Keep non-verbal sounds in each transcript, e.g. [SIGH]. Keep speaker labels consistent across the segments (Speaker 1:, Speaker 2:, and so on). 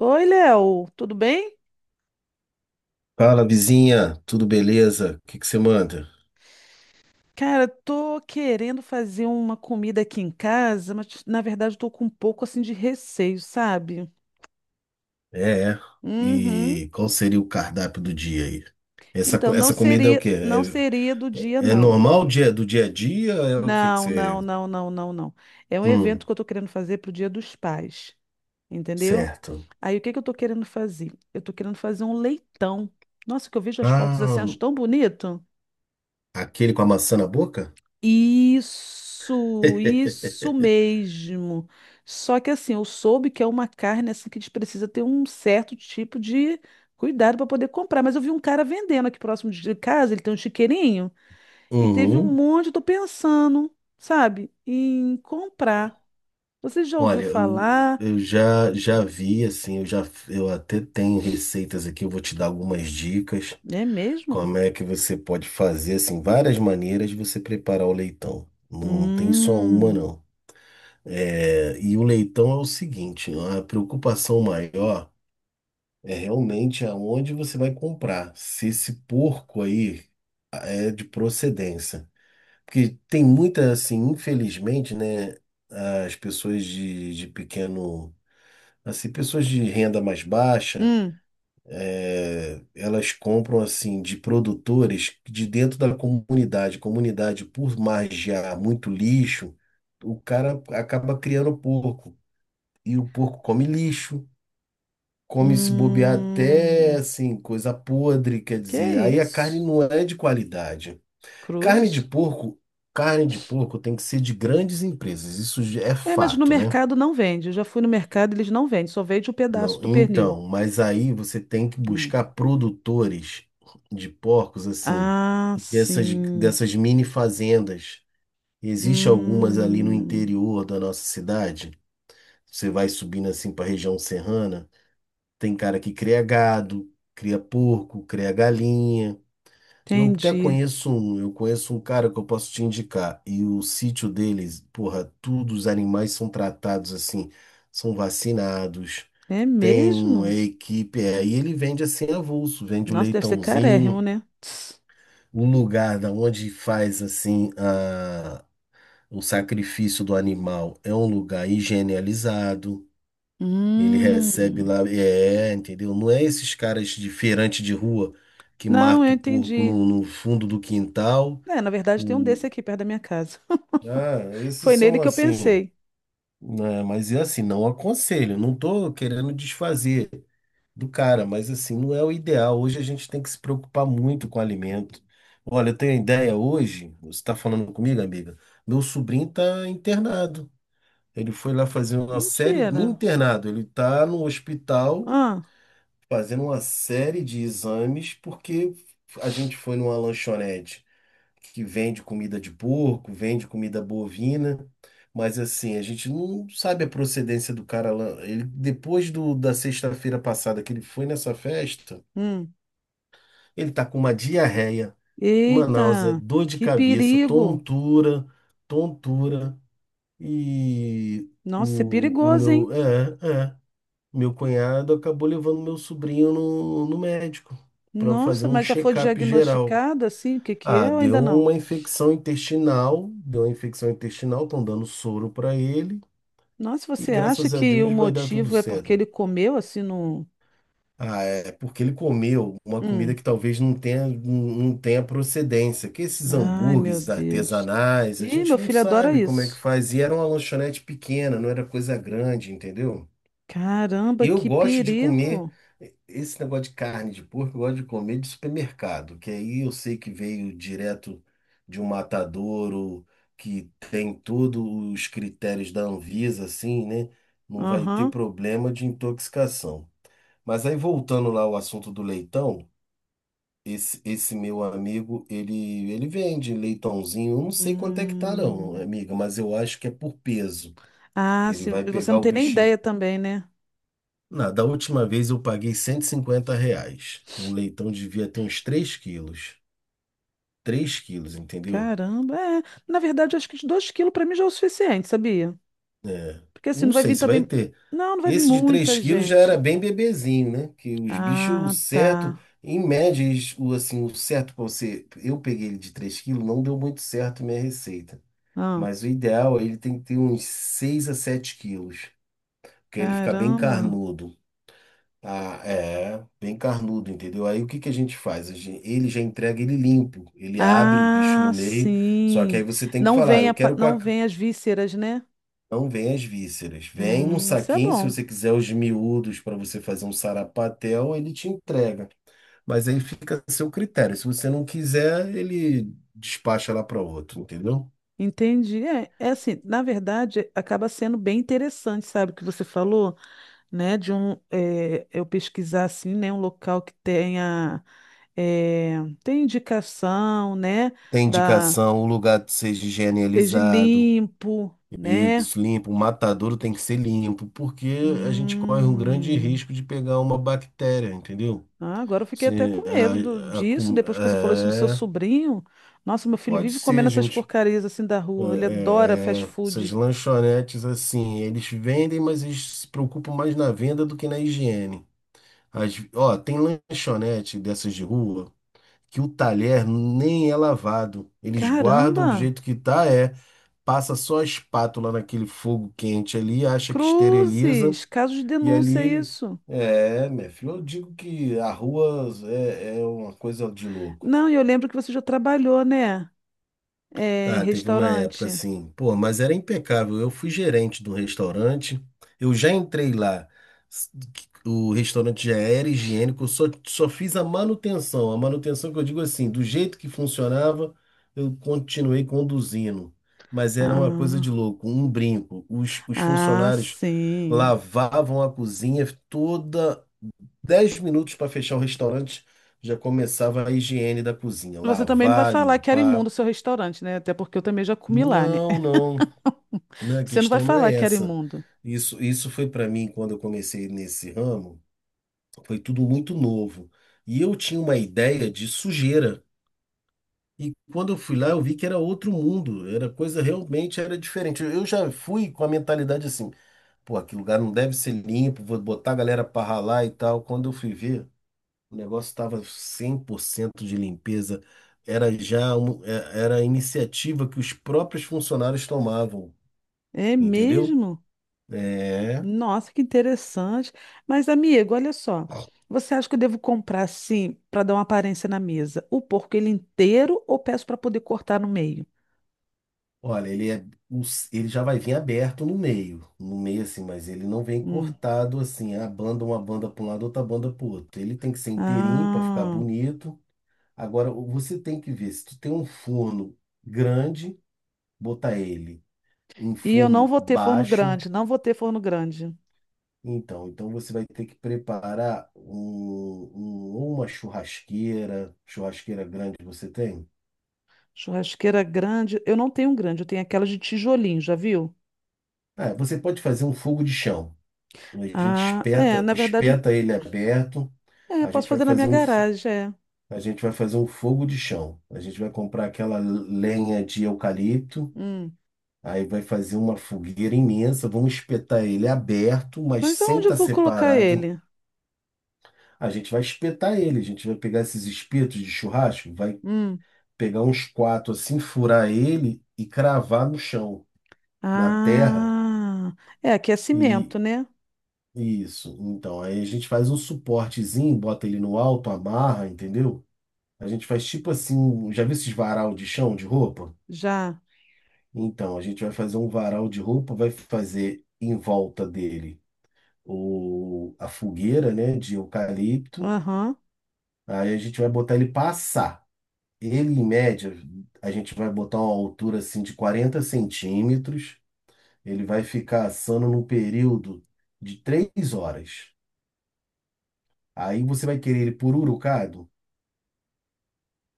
Speaker 1: Oi, Léo, tudo bem?
Speaker 2: Fala, vizinha, tudo beleza? O que que você manda?
Speaker 1: Cara, tô querendo fazer uma comida aqui em casa, mas na verdade eu tô com um pouco assim de receio, sabe?
Speaker 2: É, é.
Speaker 1: Uhum.
Speaker 2: E qual seria o cardápio do dia aí?
Speaker 1: Então não
Speaker 2: Essa comida é o
Speaker 1: seria,
Speaker 2: quê?
Speaker 1: não seria do dia,
Speaker 2: É, é
Speaker 1: não.
Speaker 2: normal dia, do dia a dia? É o que que
Speaker 1: Não,
Speaker 2: você.
Speaker 1: não, não, não, não, não. É um evento
Speaker 2: Hum.
Speaker 1: que eu tô querendo fazer pro Dia dos Pais, entendeu?
Speaker 2: Certo.
Speaker 1: Aí o que que eu tô querendo fazer? Eu tô querendo fazer um leitão. Nossa, que eu vejo as fotos assim,
Speaker 2: Ah,
Speaker 1: acho tão bonito.
Speaker 2: aquele com a maçã na boca?
Speaker 1: Isso,
Speaker 2: [LAUGHS]
Speaker 1: isso mesmo. Só que assim, eu soube que é uma carne assim que a gente precisa ter um certo tipo de cuidado para poder comprar. Mas eu vi um cara vendendo aqui próximo de casa, ele tem um chiqueirinho, e teve um
Speaker 2: Uhum.
Speaker 1: monte, eu tô pensando, sabe, em comprar. Você já ouviu
Speaker 2: Olha, eu,
Speaker 1: falar?
Speaker 2: eu já vi, assim, eu até tenho receitas aqui, eu vou te dar algumas dicas.
Speaker 1: É mesmo?
Speaker 2: Como é que você pode fazer assim, várias maneiras de você preparar o leitão. Não tem só uma,
Speaker 1: Hum,
Speaker 2: não. É, e o leitão é o seguinte, a preocupação maior é realmente aonde você vai comprar, se esse porco aí é de procedência. Porque tem muita, assim, infelizmente, né, as pessoas de pequeno, assim, pessoas de renda mais baixa,
Speaker 1: hum,
Speaker 2: elas compram assim de produtores de dentro da comunidade. Comunidade, por margear muito lixo, o cara acaba criando porco. E o porco come lixo, come se bobear até
Speaker 1: hum.
Speaker 2: assim, coisa podre, quer
Speaker 1: Que
Speaker 2: dizer, aí a carne
Speaker 1: isso?
Speaker 2: não é de qualidade. Carne de
Speaker 1: Cruzes?
Speaker 2: porco, Carne de porco tem que ser de grandes empresas, isso já é
Speaker 1: É, mas no
Speaker 2: fato, né?
Speaker 1: mercado não vende. Eu já fui no mercado, eles não vendem, só vende o pedaço
Speaker 2: Não,
Speaker 1: do pernil.
Speaker 2: então, mas aí você tem que
Speaker 1: Hum.
Speaker 2: buscar produtores de porcos, assim,
Speaker 1: Ah,
Speaker 2: dessas,
Speaker 1: sim.
Speaker 2: dessas mini fazendas. Existe algumas ali no
Speaker 1: Hum,
Speaker 2: interior da nossa cidade. Você vai subindo assim para a região serrana. Tem cara que cria gado, cria porco, cria galinha.
Speaker 1: entendi.
Speaker 2: Eu conheço um cara que eu posso te indicar. E o sítio deles, porra, todos os animais são tratados assim, são vacinados.
Speaker 1: É
Speaker 2: Tem uma
Speaker 1: mesmo?
Speaker 2: equipe aí, ele vende assim avulso, vende o
Speaker 1: Nossa, deve ser carérrimo,
Speaker 2: leitãozinho,
Speaker 1: né? Tss.
Speaker 2: o lugar da onde faz o sacrifício do animal é um lugar higienizado, ele recebe
Speaker 1: Hum.
Speaker 2: lá, entendeu? Não é esses caras de feirante de rua que
Speaker 1: Não, eu
Speaker 2: mata o porco
Speaker 1: entendi.
Speaker 2: no fundo do quintal.
Speaker 1: É, na verdade tem um
Speaker 2: O,
Speaker 1: desse aqui perto da minha casa. [LAUGHS]
Speaker 2: Esses
Speaker 1: Foi nele
Speaker 2: são
Speaker 1: que eu
Speaker 2: assim,
Speaker 1: pensei.
Speaker 2: né? Mas é assim, não aconselho, não tô querendo desfazer do cara, mas assim, não é o ideal. Hoje a gente tem que se preocupar muito com o alimento. Olha, eu tenho a ideia hoje, você está falando comigo, amiga? Meu sobrinho está internado. Ele foi lá fazer uma série, no
Speaker 1: Mentira.
Speaker 2: internado, ele está no hospital
Speaker 1: Ah,
Speaker 2: fazendo uma série de exames porque a gente foi numa lanchonete que vende comida de porco, vende comida bovina. Mas assim, a gente não sabe a procedência do cara lá. Ele, depois da sexta-feira passada que ele foi nessa festa,
Speaker 1: hum.
Speaker 2: ele está com uma diarreia, uma náusea,
Speaker 1: Eita,
Speaker 2: dor de
Speaker 1: que
Speaker 2: cabeça,
Speaker 1: perigo!
Speaker 2: tontura, tontura. E
Speaker 1: Nossa, é
Speaker 2: o
Speaker 1: perigoso,
Speaker 2: meu,
Speaker 1: hein?
Speaker 2: é, é, meu cunhado acabou levando meu sobrinho no médico para fazer
Speaker 1: Nossa,
Speaker 2: um
Speaker 1: mas já foi
Speaker 2: check-up geral.
Speaker 1: diagnosticado assim, o que que é
Speaker 2: Ah,
Speaker 1: ou ainda não?
Speaker 2: deu uma infecção intestinal, estão dando soro para ele
Speaker 1: Nossa,
Speaker 2: e
Speaker 1: você acha
Speaker 2: graças a
Speaker 1: que o
Speaker 2: Deus vai dar tudo
Speaker 1: motivo é porque
Speaker 2: certo.
Speaker 1: ele comeu assim no...
Speaker 2: Ah, é porque ele comeu uma comida
Speaker 1: Hum.
Speaker 2: que talvez não não tenha procedência. Que esses
Speaker 1: Ai, meu
Speaker 2: hambúrgueres
Speaker 1: Deus.
Speaker 2: artesanais, a
Speaker 1: Ih, meu
Speaker 2: gente não
Speaker 1: filho adora
Speaker 2: sabe como é que
Speaker 1: isso.
Speaker 2: faz. E era uma lanchonete pequena, não era coisa grande, entendeu? E
Speaker 1: Caramba,
Speaker 2: eu
Speaker 1: que
Speaker 2: gosto de comer
Speaker 1: perigo!
Speaker 2: esse negócio de carne de porco, eu gosto de comer de supermercado, que aí eu sei que veio direto de um matadouro, que tem todos os critérios da Anvisa, assim, né? Não vai ter
Speaker 1: Aham.
Speaker 2: problema de intoxicação. Mas aí voltando lá ao assunto do leitão, esse meu amigo, ele vende leitãozinho, eu não sei quanto é que tá não,
Speaker 1: Hum.
Speaker 2: amiga, mas eu acho que é por peso.
Speaker 1: Ah,
Speaker 2: Ele
Speaker 1: sim,
Speaker 2: vai
Speaker 1: e você
Speaker 2: pegar
Speaker 1: não
Speaker 2: o
Speaker 1: tem nem
Speaker 2: bichinho.
Speaker 1: ideia também, né?
Speaker 2: Da última vez eu paguei R$ 150. O leitão devia ter uns 3 quilos. 3 quilos, entendeu?
Speaker 1: Caramba, é. Na verdade, acho que 2 quilos para mim já é o suficiente, sabia?
Speaker 2: É.
Speaker 1: Porque assim, não
Speaker 2: Não
Speaker 1: vai
Speaker 2: sei
Speaker 1: vir
Speaker 2: se vai
Speaker 1: também.
Speaker 2: ter.
Speaker 1: Não, não vai vir
Speaker 2: Esse de 3
Speaker 1: muita
Speaker 2: quilos já era
Speaker 1: gente.
Speaker 2: bem bebezinho, né? Que os bichos, o
Speaker 1: Ah, tá.
Speaker 2: certo, em média, o certo para você. Eu peguei ele de 3 quilos, não deu muito certo minha receita.
Speaker 1: Ah,
Speaker 2: Mas o ideal é ele tem que ter uns 6 a 7 quilos, porque ele fica bem
Speaker 1: caramba.
Speaker 2: carnudo. Ah, bem carnudo, entendeu? Aí o que que a gente faz? Ele já entrega ele limpo, ele abre o bicho
Speaker 1: Ah,
Speaker 2: no meio, só que aí
Speaker 1: sim.
Speaker 2: você tem que
Speaker 1: Não
Speaker 2: falar,
Speaker 1: vem,
Speaker 2: eu quero com a.
Speaker 1: não vem as vísceras, né?
Speaker 2: Não vem as vísceras. Vem num
Speaker 1: Isso é
Speaker 2: saquinho, se
Speaker 1: bom.
Speaker 2: você quiser os miúdos para você fazer um sarapatel, ele te entrega. Mas aí fica a seu critério. Se você não quiser, ele despacha lá para outro, entendeu?
Speaker 1: Entendi. É, é assim, na verdade, acaba sendo bem interessante, sabe, o que você falou, né? De um, é, eu pesquisar assim, né? Um local que tenha, é, tem indicação, né?
Speaker 2: Tem
Speaker 1: Da,
Speaker 2: indicação, o lugar seja
Speaker 1: seja
Speaker 2: higienizado,
Speaker 1: limpo, né?
Speaker 2: isso, limpo, o matadouro tem que ser limpo, porque a gente corre um grande
Speaker 1: Hum.
Speaker 2: risco de pegar uma bactéria, entendeu?
Speaker 1: Ah, agora eu fiquei até
Speaker 2: Se
Speaker 1: com medo
Speaker 2: a, a,
Speaker 1: disso,
Speaker 2: com-
Speaker 1: depois que você falou isso do seu
Speaker 2: é,
Speaker 1: sobrinho. Nossa, meu filho
Speaker 2: Pode
Speaker 1: vive comendo
Speaker 2: ser,
Speaker 1: essas
Speaker 2: gente.
Speaker 1: porcarias assim da rua. Ele adora fast
Speaker 2: Essas
Speaker 1: food.
Speaker 2: lanchonetes assim, eles vendem, mas eles se preocupam mais na venda do que na higiene. Ó, tem lanchonete dessas de rua que o talher nem é lavado. Eles guardam do
Speaker 1: Caramba!
Speaker 2: jeito que tá, passa só a espátula naquele fogo quente ali, acha que esteriliza
Speaker 1: Cruzes! Caso de
Speaker 2: e ali
Speaker 1: denúncia,
Speaker 2: ele-
Speaker 1: isso.
Speaker 2: É, meu filho, eu digo que a rua é uma coisa de louco.
Speaker 1: Não, e eu lembro que você já trabalhou, né? É, em
Speaker 2: Ah, teve uma época
Speaker 1: restaurante.
Speaker 2: assim, pô, mas era impecável. Eu fui gerente do restaurante, eu já entrei lá. s- O restaurante já era higiênico, eu só fiz a manutenção. A manutenção que eu digo assim, do jeito que funcionava, eu continuei conduzindo. Mas era uma coisa de
Speaker 1: Ah,
Speaker 2: louco, um brinco. Os
Speaker 1: ah,
Speaker 2: funcionários
Speaker 1: sim.
Speaker 2: lavavam a cozinha toda, 10 minutos para fechar o restaurante, já começava a higiene da cozinha,
Speaker 1: Você também não vai
Speaker 2: lavar,
Speaker 1: falar que era imundo o
Speaker 2: limpar.
Speaker 1: seu restaurante, né? Até porque eu também já comi lá, né?
Speaker 2: Não, não.
Speaker 1: [LAUGHS]
Speaker 2: Não, a
Speaker 1: Você não vai
Speaker 2: questão não
Speaker 1: falar
Speaker 2: é
Speaker 1: que era
Speaker 2: essa.
Speaker 1: imundo.
Speaker 2: Isso foi para mim quando eu comecei nesse ramo, foi tudo muito novo. E eu tinha uma ideia de sujeira. E quando eu fui lá, eu vi que era outro mundo, era coisa realmente era diferente. Eu já fui com a mentalidade assim, pô, aquele lugar não deve ser limpo, vou botar a galera para ralar e tal. Quando eu fui ver, o negócio estava 100% de limpeza. Era já um- é- Era a iniciativa que os próprios funcionários tomavam,
Speaker 1: É
Speaker 2: entendeu?
Speaker 1: mesmo?
Speaker 2: É.
Speaker 1: Nossa, que interessante. Mas, amigo, olha só. Você acha que eu devo comprar assim para dar uma aparência na mesa? O porco ele inteiro ou peço para poder cortar no meio?
Speaker 2: Olha, ele é, o ele já vai vir aberto no meio, no meio assim, mas ele não vem
Speaker 1: Hum.
Speaker 2: cortado assim, a banda uma banda para um lado, outra banda para o outro. Ele tem que ser inteirinho para ficar
Speaker 1: Ah.
Speaker 2: bonito. Agora você tem que ver se tu tem um forno grande, botar ele em
Speaker 1: E eu não
Speaker 2: forno
Speaker 1: vou ter forno
Speaker 2: baixo.
Speaker 1: grande, não vou ter forno grande.
Speaker 2: Então você vai ter que preparar ou uma churrasqueira, grande que você tem?
Speaker 1: Churrasqueira grande, eu não tenho um grande, eu tenho aquela de tijolinho, já viu?
Speaker 2: Ah, você pode fazer um fogo de chão. A gente
Speaker 1: Ah, é, na verdade,
Speaker 2: espeta ele aberto.
Speaker 1: é,
Speaker 2: A
Speaker 1: posso
Speaker 2: gente vai
Speaker 1: fazer na minha
Speaker 2: fazer um, fo-
Speaker 1: garagem, é.
Speaker 2: a gente vai fazer um fogo de chão. A gente vai comprar aquela lenha de eucalipto.
Speaker 1: Hum.
Speaker 2: Aí vai fazer uma fogueira imensa. Vamos espetar ele aberto, mas
Speaker 1: Mas
Speaker 2: sem
Speaker 1: aonde eu
Speaker 2: estar
Speaker 1: vou colocar
Speaker 2: separado.
Speaker 1: ele?
Speaker 2: A gente vai espetar ele. A gente vai pegar esses espetos de churrasco, vai
Speaker 1: Hum.
Speaker 2: pegar uns quatro assim, furar ele e cravar no chão, na terra.
Speaker 1: Ah. É, aqui é
Speaker 2: E
Speaker 1: cimento, né?
Speaker 2: e isso. Então, aí a gente faz um suportezinho, bota ele no alto, amarra, entendeu? A gente faz tipo assim, já viu esses varal de chão de roupa?
Speaker 1: Já.
Speaker 2: Então, a gente vai fazer um varal de roupa, vai fazer em volta dele a fogueira, né, de eucalipto.
Speaker 1: Aham.
Speaker 2: Aí a gente vai botar ele passar. Ele, em média, a gente vai botar uma altura assim de 40 centímetros. Ele vai ficar assando num período de 3 horas. Aí você vai querer ele pururucado?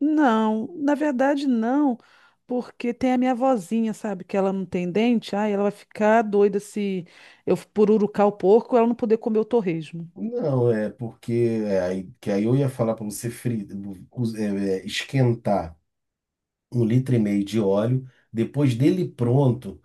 Speaker 1: Não, na verdade não, porque tem a minha vozinha, sabe, que ela não tem dente, aí ela vai ficar doida se eu pururucar o porco, ela não poder comer o torresmo.
Speaker 2: Não, é porque que aí eu ia falar para você fri, cus- é, é, esquentar um litro e meio de óleo, depois dele pronto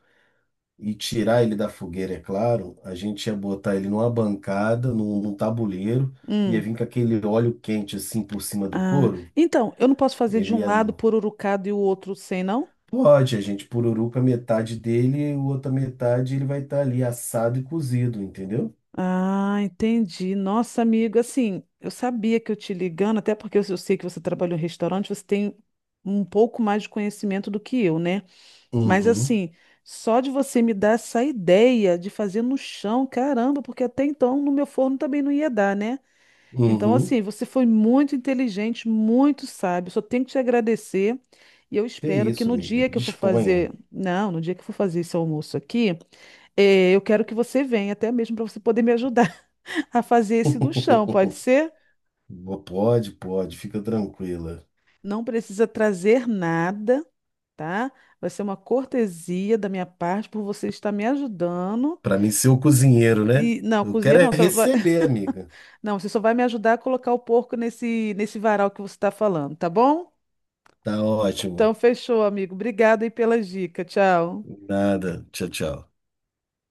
Speaker 2: e tirar ele da fogueira, é claro, a gente ia botar ele numa bancada, num tabuleiro, ia
Speaker 1: Hum.
Speaker 2: vir com aquele óleo quente assim por cima do
Speaker 1: Ah,
Speaker 2: couro.
Speaker 1: então, eu não posso fazer de
Speaker 2: Ele
Speaker 1: um
Speaker 2: ia.
Speaker 1: lado pururucado e o outro sem, não?
Speaker 2: Pode, a gente pururuca metade dele e a outra metade ele vai estar ali assado e cozido, entendeu?
Speaker 1: Ah, entendi. Nossa, amiga, assim, eu sabia que eu te ligando, até porque eu sei que você trabalhou em restaurante, você tem um pouco mais de conhecimento do que eu, né? Mas
Speaker 2: Uhum,
Speaker 1: assim, só de você me dar essa ideia de fazer no chão, caramba, porque até então no meu forno também não ia dar, né? Então,
Speaker 2: uhum.
Speaker 1: assim, você foi muito inteligente, muito sábio. Só tenho que te agradecer. E eu
Speaker 2: Que
Speaker 1: espero que
Speaker 2: isso,
Speaker 1: no
Speaker 2: amiga.
Speaker 1: dia que eu for
Speaker 2: Disponha.
Speaker 1: fazer, não, no dia que eu for fazer esse almoço aqui, eu quero que você venha, até mesmo para você poder me ajudar [LAUGHS] a fazer esse no chão, pode
Speaker 2: [LAUGHS]
Speaker 1: ser?
Speaker 2: Pode, pode, fica tranquila.
Speaker 1: Não precisa trazer nada, tá? Vai ser uma cortesia da minha parte por você estar me ajudando.
Speaker 2: Para mim ser o cozinheiro, né?
Speaker 1: E não,
Speaker 2: Eu quero
Speaker 1: cozinheiro
Speaker 2: é
Speaker 1: não, só vai...
Speaker 2: receber,
Speaker 1: [LAUGHS]
Speaker 2: amiga.
Speaker 1: Não, você só vai me ajudar a colocar o porco nesse varal que você está falando, tá bom?
Speaker 2: Tá ótimo.
Speaker 1: Então fechou, amigo. Obrigada aí pela dica. Tchau.
Speaker 2: Nada. Tchau, tchau.